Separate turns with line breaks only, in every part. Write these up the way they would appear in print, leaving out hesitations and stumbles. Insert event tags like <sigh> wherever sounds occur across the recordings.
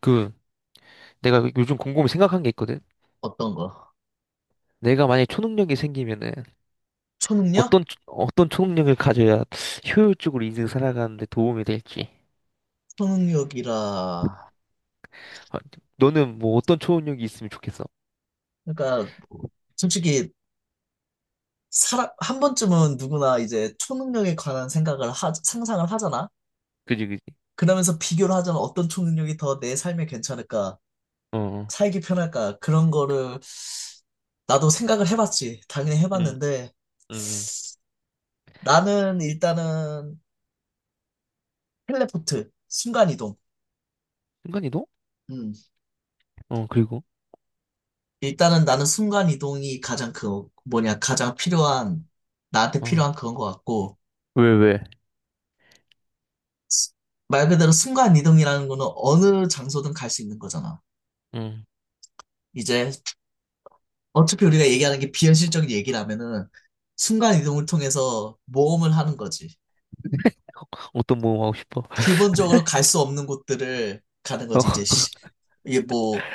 그 내가 요즘 곰곰이 생각한 게 있거든.
어떤 거?
내가 만약에 초능력이 생기면은
초능력?
어떤 초능력을 가져야 효율적으로 인생 살아가는데 도움이 될지.
초능력이라.
아, 너는 어떤 초능력이 있으면 좋겠어?
그러니까 뭐 솔직히 사람 한 번쯤은 누구나 이제 초능력에 관한 생각을 상상을 하잖아.
그지, 그지.
그러면서 비교를 하잖아. 어떤 초능력이 더 내 삶에 괜찮을까?
어. 어.
살기 편할까? 그런 거를 나도 생각을 해봤지. 당연히
응.
해봤는데
응. 응.
나는 일단은 텔레포트, 순간이동.
순간이동?
음.
그리고.
일단은 나는 순간이동이 가장 그 뭐냐 가장 필요한 나한테
어.
필요한 그런 것 같고
왜?
말 그대로 순간 이동이라는 거는 어느 장소든 갈 수 있는 거잖아.
응.
이제 어차피 우리가 얘기하는 게 비현실적인 얘기라면은 순간 이동을 통해서 모험을 하는 거지.
어떤 모험 하고 싶어?
기본적으로 갈 수 없는 곳들을 가는
<laughs> 어.
거지. 이제 이게 뭐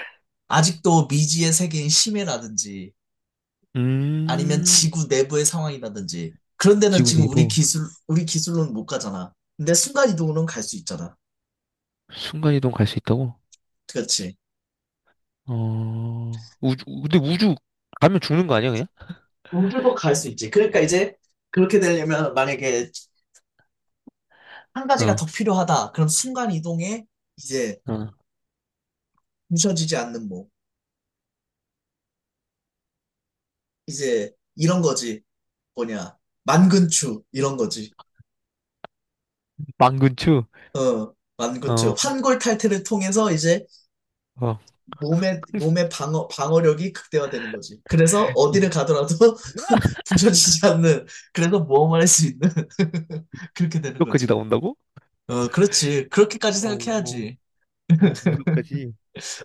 아직도 미지의 세계인 심해라든지 아니면
음.
지구 내부의 상황이라든지 그런 데는
지구
지금
내부.
우리 기술로는 못 가잖아. 근데 순간 이동으로는 갈 수 있잖아.
순간이동 갈 수 있다고?
그렇지.
어. 우주, 근데 우주 가면 죽는 거 아니야 그냥?
우주도 갈 수 있지. 그러니까 이제 그렇게 되려면 만약에 한 가지가 더
어.
필요하다. 그럼 순간 이동에 이제
어.
부서지지 않는 몸. 이제 이런 거지. 뭐냐. 만근추. 이런 거지.
망근추?
어,
어.
만근추. 환골 탈태를 통해서 이제
어.
몸의
<laughs>
방어력이 극대화되는 거지. 그래서 어디를 가더라도 <laughs> 부서지지 않는. 그래서 모험을 할 수 있는. <laughs> 그렇게 되는
무역까지
거지.
나온다고?
어, 그렇지. 그렇게까지
어, 어,
생각해야지.
무역까지.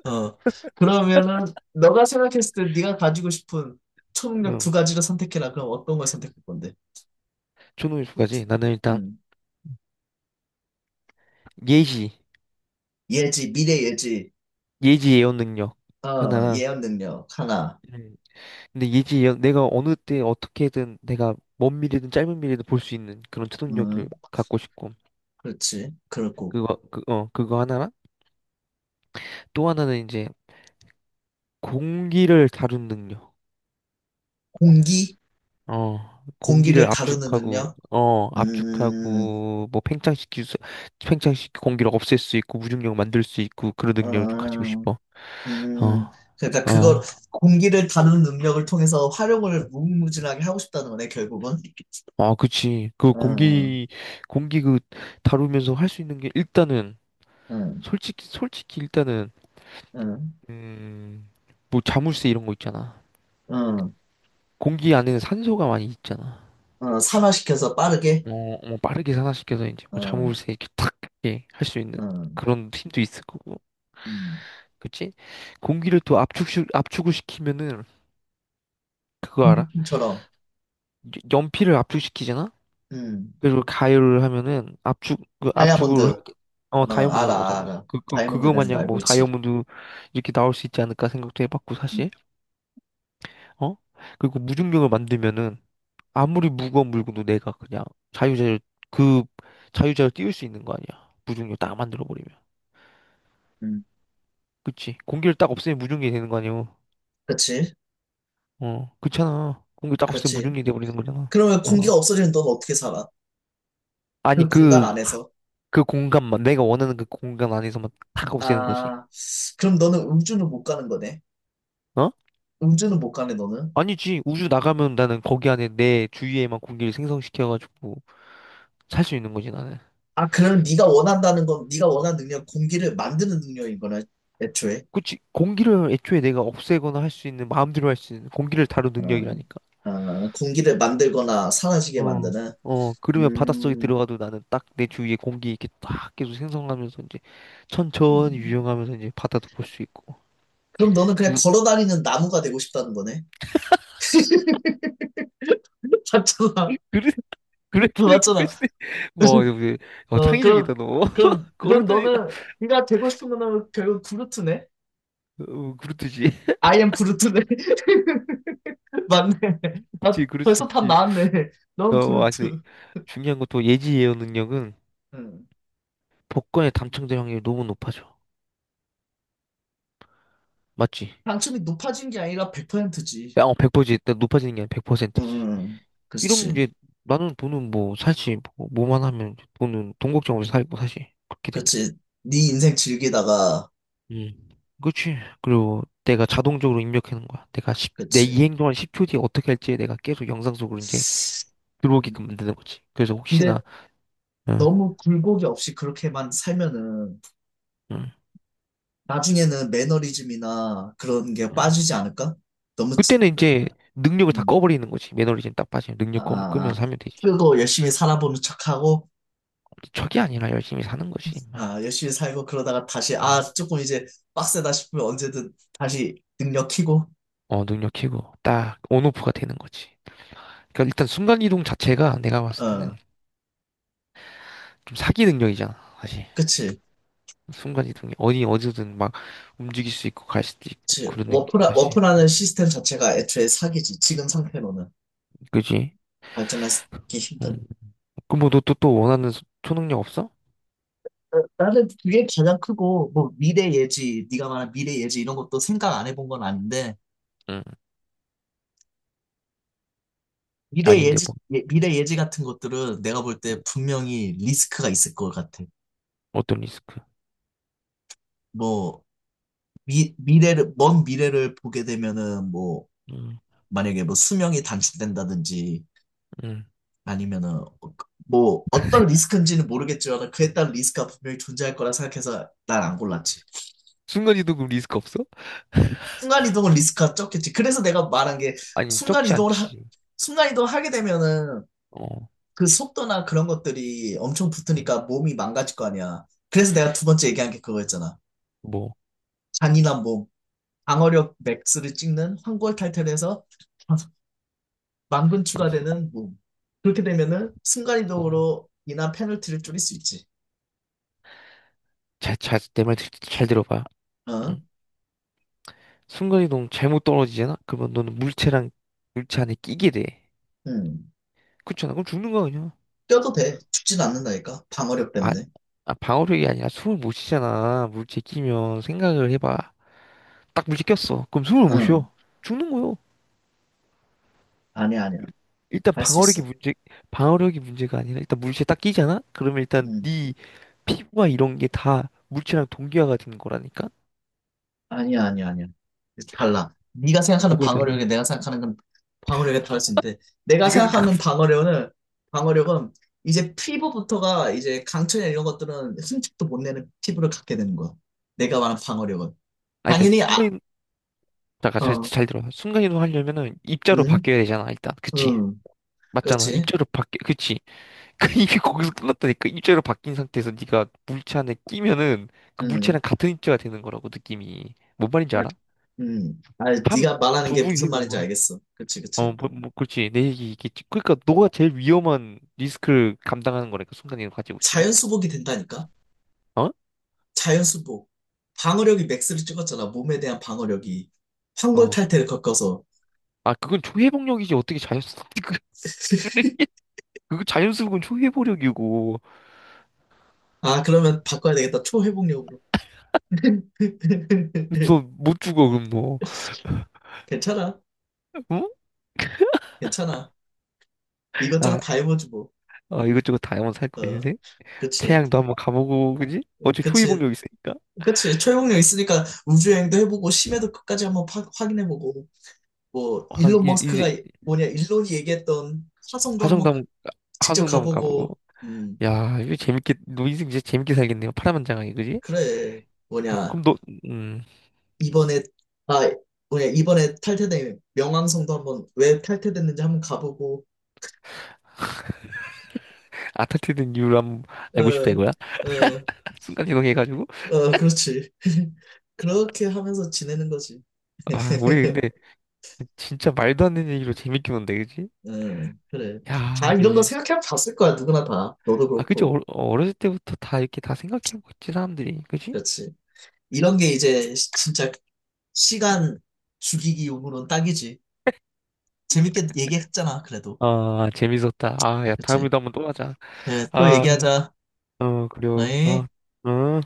어, 그러면은 너가 생각했을 때 네가 가지고 싶은 초능력 두
응.
가지를 선택해라. 그럼 어떤 걸 선택할 건데?
초능력까지. 나는 일단
음.
예지,
예지, 미래 예지,
예지 예언 능력
어,
하나랑.
예언 능력 하나.
음. 근데 예지 예언, 내가 어느 때 어떻게든 내가 먼 미래든 짧은 미래든 볼 수 있는 그런
음,
초능력을 갖고 싶고.
그렇지. 그렇고
그거 하나랑 또 하나는 이제 공기를 다룬 능력.
공기,
어, 공기를
공기를 다루는
압축하고,
능력. 음,
압축하고, 팽창시킬 수, 팽창시키고 공기를 없앨 수 있고, 무중력 만들 수 있고, 그런 능력을 좀 가지고
어,
싶어. 어,
음, 그러니까 그걸
어.
공기를 다루는 능력을 통해서 활용을 무궁무진하게 하고 싶다는 거네, 결국은.
아, 그치. 그
응,
공기, 공기 그 다루면서 할 수 있는 게 일단은,
응,
솔직히 일단은,
응,
음, 자물쇠 이런 거 있잖아.
응,
공기 안에는 산소가 많이 있잖아.
응, 산화시켜서 빠르게.
어, 빠르게 산화시켜서 이제
응,
자물쇠 이렇게 탁, 이렇게 할 수 있는
응.
그런 힘도 있을 거고.
음,
그치? 공기를 또 압축을 시키면은 그거
공기
알아?
풍처럼
연필을 압축시키잖아?
음,
그리고 가열을 하면은 압축, 그 압축을 하,
다이아몬드,
어,
어,
다이아몬드 나오잖아.
알아, 알아. 다이아몬드
그거
되는 거
마냥
알고 있지.
다이아몬드 이렇게 나올 수 있지 않을까 생각도 해봤고, 사실. 어? 그리고 무중력을 만들면은 아무리 무거운 물건도 내가 그냥 자유자재, 그 자유자재로 띄울 수 있는 거 아니야. 무중력 딱 만들어버리면.
음,
그치? 공기를 딱 없애면 무중력이 되는 거 아니야.
그렇지,
어, 그렇잖아. 공기 딱 없으면
그렇지.
무중력이 돼버리는 거잖아.
그러면 공기가
어.
없어지면 넌 어떻게 살아?
아니
그 공간
그
안에서.
그 공간만 내가 원하는 그 공간 안에서만 탁 없애는 거지.
아, 그럼 너는 음주는 못 가는 거네.
어?
음주는 못 가네, 너는.
아니지, 우주 나가면 나는 거기 안에 내 주위에만 공기를 생성시켜가지고 살 수 있는 거지 나는.
아, 그럼 네가 원한다는 건, 네가 원하는 능력, 공기를 만드는 능력인 거네, 애초에.
그치, 공기를 애초에 내가 없애거나 할 수 있는 마음대로 할 수 있는 공기를 다룬
어,
능력이라니까.
어, 공기를 만들거나 사라지게
어,
만드는.
어, 그러면 바닷속에
음,
들어가도 나는 딱 내 주위에 공기 이렇게 딱 계속 생성하면서 이제 천천히
음.
유영하면서 이제 바다도 볼 수 있고.
그럼 너는 그냥
뭐,
걸어 다니는 나무가 되고 싶다는 거네. <laughs> 맞잖아.
그래,
어,
그렇게 생각할
맞잖아.
수도. <laughs> 와, 너,
<laughs>
어,
어,
창의적이다
그럼,
너.
그럼,
<laughs>
그럼
걸어다니다.
너는, 네가 되고 싶은 거는 결국 구루트네?
어, 그렇듯이. <laughs>
I am 구루트네. <laughs> 맞네. 아,
그치, 그럴 수
벌써 답
있지.
나왔네. 넌
어뭐 하여튼
구루트.
중요한 건 또 예지 예어 능력은
응.
복권에 당첨될 확률이 너무 높아져. 맞지?
당첨이 높아진 게 아니라 100%지.
100%지, 높아지는 게 아니라
응.
100%지.
응.
이러면
그렇지.
이제 나는 돈은 뭐만 하면 돈은 돈 걱정 없이 살고, 사실 그렇게 되면.
그렇지. 네 인생 즐기다가,
음. 그치. 그리고 내가 자동적으로 입력하는 거야. 내가 십 내 이
그렇지.
행동한 10초 뒤에 어떻게 할지 내가 계속 영상 속으로 이제 들어오게끔 만드는 거지. 그래서
근데
혹시나. 응,
너무 굴곡이 없이 그렇게만 살면은
응,
나중에는 매너리즘이나 그런 게
응.
빠지지 않을까? 너무,
그때는 이제 능력을 다
음.
꺼버리는 거지. 매너리즘 딱 빠지면
아,
능력
아,
끄면서 하면 되지.
고 열심히 살아보는 척하고,
척이 아니라 열심히 사는 거지, 임마.
아, 열심히 살고, 그러다가 다시,
어,
아, 조금 이제 빡세다 싶으면 언제든 다시 능력 키고,
어, 능력 키고 딱 온오프가 되는 거지. 그러니까 일단 순간이동 자체가 내가 봤을 때는
어,
좀 사기 능력이잖아, 사실.
그치.
순간이동이 어디든 막 움직일 수 있고 갈 수도 있고
그치.
그러는 게
워프라,
사실.
워프라는 시스템 자체가 애초에 사기지. 지금 상태로는
그지?
발전하기
응.
힘든.
그럼 너 또 또 원하는 초능력 없어?
어, 나는 그게 가장 크고, 뭐, 미래 예지, 네가 말한 미래 예지 이런 것도 생각 안 해본 건 아닌데,
응.
미래
아닌데,
예지, 미래 예지 같은 것들은 내가 볼 때 분명히 리스크가 있을 것 같아.
어떤 리스크?
뭐, 먼 미래를 보게 되면은 뭐,
응.
만약에 뭐 수명이 단축된다든지
응.
아니면은 어, 뭐 어떤 리스크인지는 모르겠지만 그에 따른 리스크가 분명히 존재할 거라 생각해서 난 안 골랐지.
순간이동 그럼 리스크 없어?
순간이동은 리스크가 적겠지. 그래서 내가 말한 게
아니 적지
순간이동을, 하-
않지.
순간이동 하게 되면은
어.
그 속도나 그런 것들이 엄청
응.
붙으니까 몸이 망가질 거 아니야. 그래서 내가 두 번째 얘기한 게 그거였잖아.
뭐.
잔인한 몸, 방어력 맥스를 찍는 황골탈퇴를 해서 만근 추가되는 몸. 그렇게 되면은
어,
순간이동으로 인한 페널티를 줄일 수 있지.
내 말 잘 들어봐.
어?
응. 순간이동 잘못 떨어지잖아? 그러면 너는 물체랑 물체 안에 끼게 돼.
응.
그렇잖아. 그럼 죽는 거야, 그냥.
뛰어도 돼. 죽진 않는다니까. 방어력
아,
때문에.
방어력이 아니라 숨을 못 쉬잖아. 물체 끼면 생각을 해봐. 딱 물체 꼈어. 그럼 숨을 못
응.
쉬어. 죽는 거요.
아니야, 아니야.
일단
할 수
방어력이
있어.
문제, 방어력이 문제가 아니라 일단 물체 딱 끼잖아? 그러면 일단
응.
네 피부와 이런 게 다 물체랑 동기화가 되는 거라니까?
아니야, 아니야, 아니야. 달라. 네가 생각하는
뭐가 달라?
방어력에 내가 생각하는 건 방어력에 다를 수 있는데 내가
네가
생각하는
생각한
방어력은 이제 피부부터가 이제 강철이나 이런 것들은 흠집도 못 내는 피부를 갖게 되는 거야. 내가 말한 방어력은
아니,
당연히 아,
순간이 잠깐
어,
잘 들어. 순간이동 하려면은 입자로
응,
바뀌어야 되잖아, 일단. 그치?
응,
맞잖아.
그렇지.
그치? <laughs> 그 이게 거기서 끝났다니까. 입자로 바뀐 상태에서 네가 물체 안에 끼면은 그
응,
물체랑 같은 입자가 되는 거라고, 느낌이. 뭔 말인지
아,
알아?
응. 아,
한
네가 말하는 게
부분이
무슨
되는
말인지
거야.
알겠어. 그치, 그치.
그렇지. 내 얘기 겠지. 그러니까 너가 제일 위험한 리스크를 감당하는 거라니까, 순간이동 가지고 있으면.
자연 수복이 된다니까?
어?
자연 수복. 방어력이 맥스를 찍었잖아. 몸에 대한 방어력이. 황골
어.
탈퇴를 겪어서.
아, 그건 초회복력이지. 어떻게 자연스럽게. <laughs> 그게- 그거 자연스러운 초회복력이고.
아, 그러면 바꿔야 되겠다. 초회복력으로. <laughs>
너 못 죽어, 그럼 너.
괜찮아.
응?
괜찮아. 이것저것
아,
다 해보지 뭐.
이것저것 다 한번 살 거야,
어,
인생.
그치.
태양도 한번 가보고, 그지? 어차피
그치.
초이복력 있으니까.
그치. 초회복력 있으니까 우주여행도 해보고, 심해도 끝까지 한번 확인해보고. 뭐 일론 머스크가
이제,
뭐냐 일론이 얘기했던 화성도 한번
화성도 한번,
직접
화성도 한번
가보고
가보고.
음
야, 이거 재밌게, 너 인생 진짜 재밌게 살겠네요. 파란만장하게, 그지?
그래
아,
뭐냐
그럼 너, 음,
이번에 아 뭐냐 이번에 탈퇴된 명왕성도 한번 왜 탈퇴됐는지 한번 가보고
아타트된 이유를 한번 알고 싶다, 이거야?
어어어
<laughs> 순간이동해가지고.
그렇지 <laughs> 그렇게 하면서 지내는 거지
아, 우리
<laughs>
근데, 진짜 말도 안 되는 얘기로 재밌게 논데, 그지?
그래 다
야,
이런 거
근데
생각해 봤을 거야 누구나 다 너도
아, 그치? 어,
그렇고
어렸을 때부터 다 이렇게 다 생각해보고 있지, 사람들이. 그지?
그렇지 이런 게 이제 진짜 시간 죽이기 용으로는 딱이지 재밌게 얘기했잖아, 그래도.
아, 재밌었다. 아, 야,
그치?
다음에도 한번 또 하자.
그래, 또
아.
얘기하자.
어, 그래요.
어이?
아.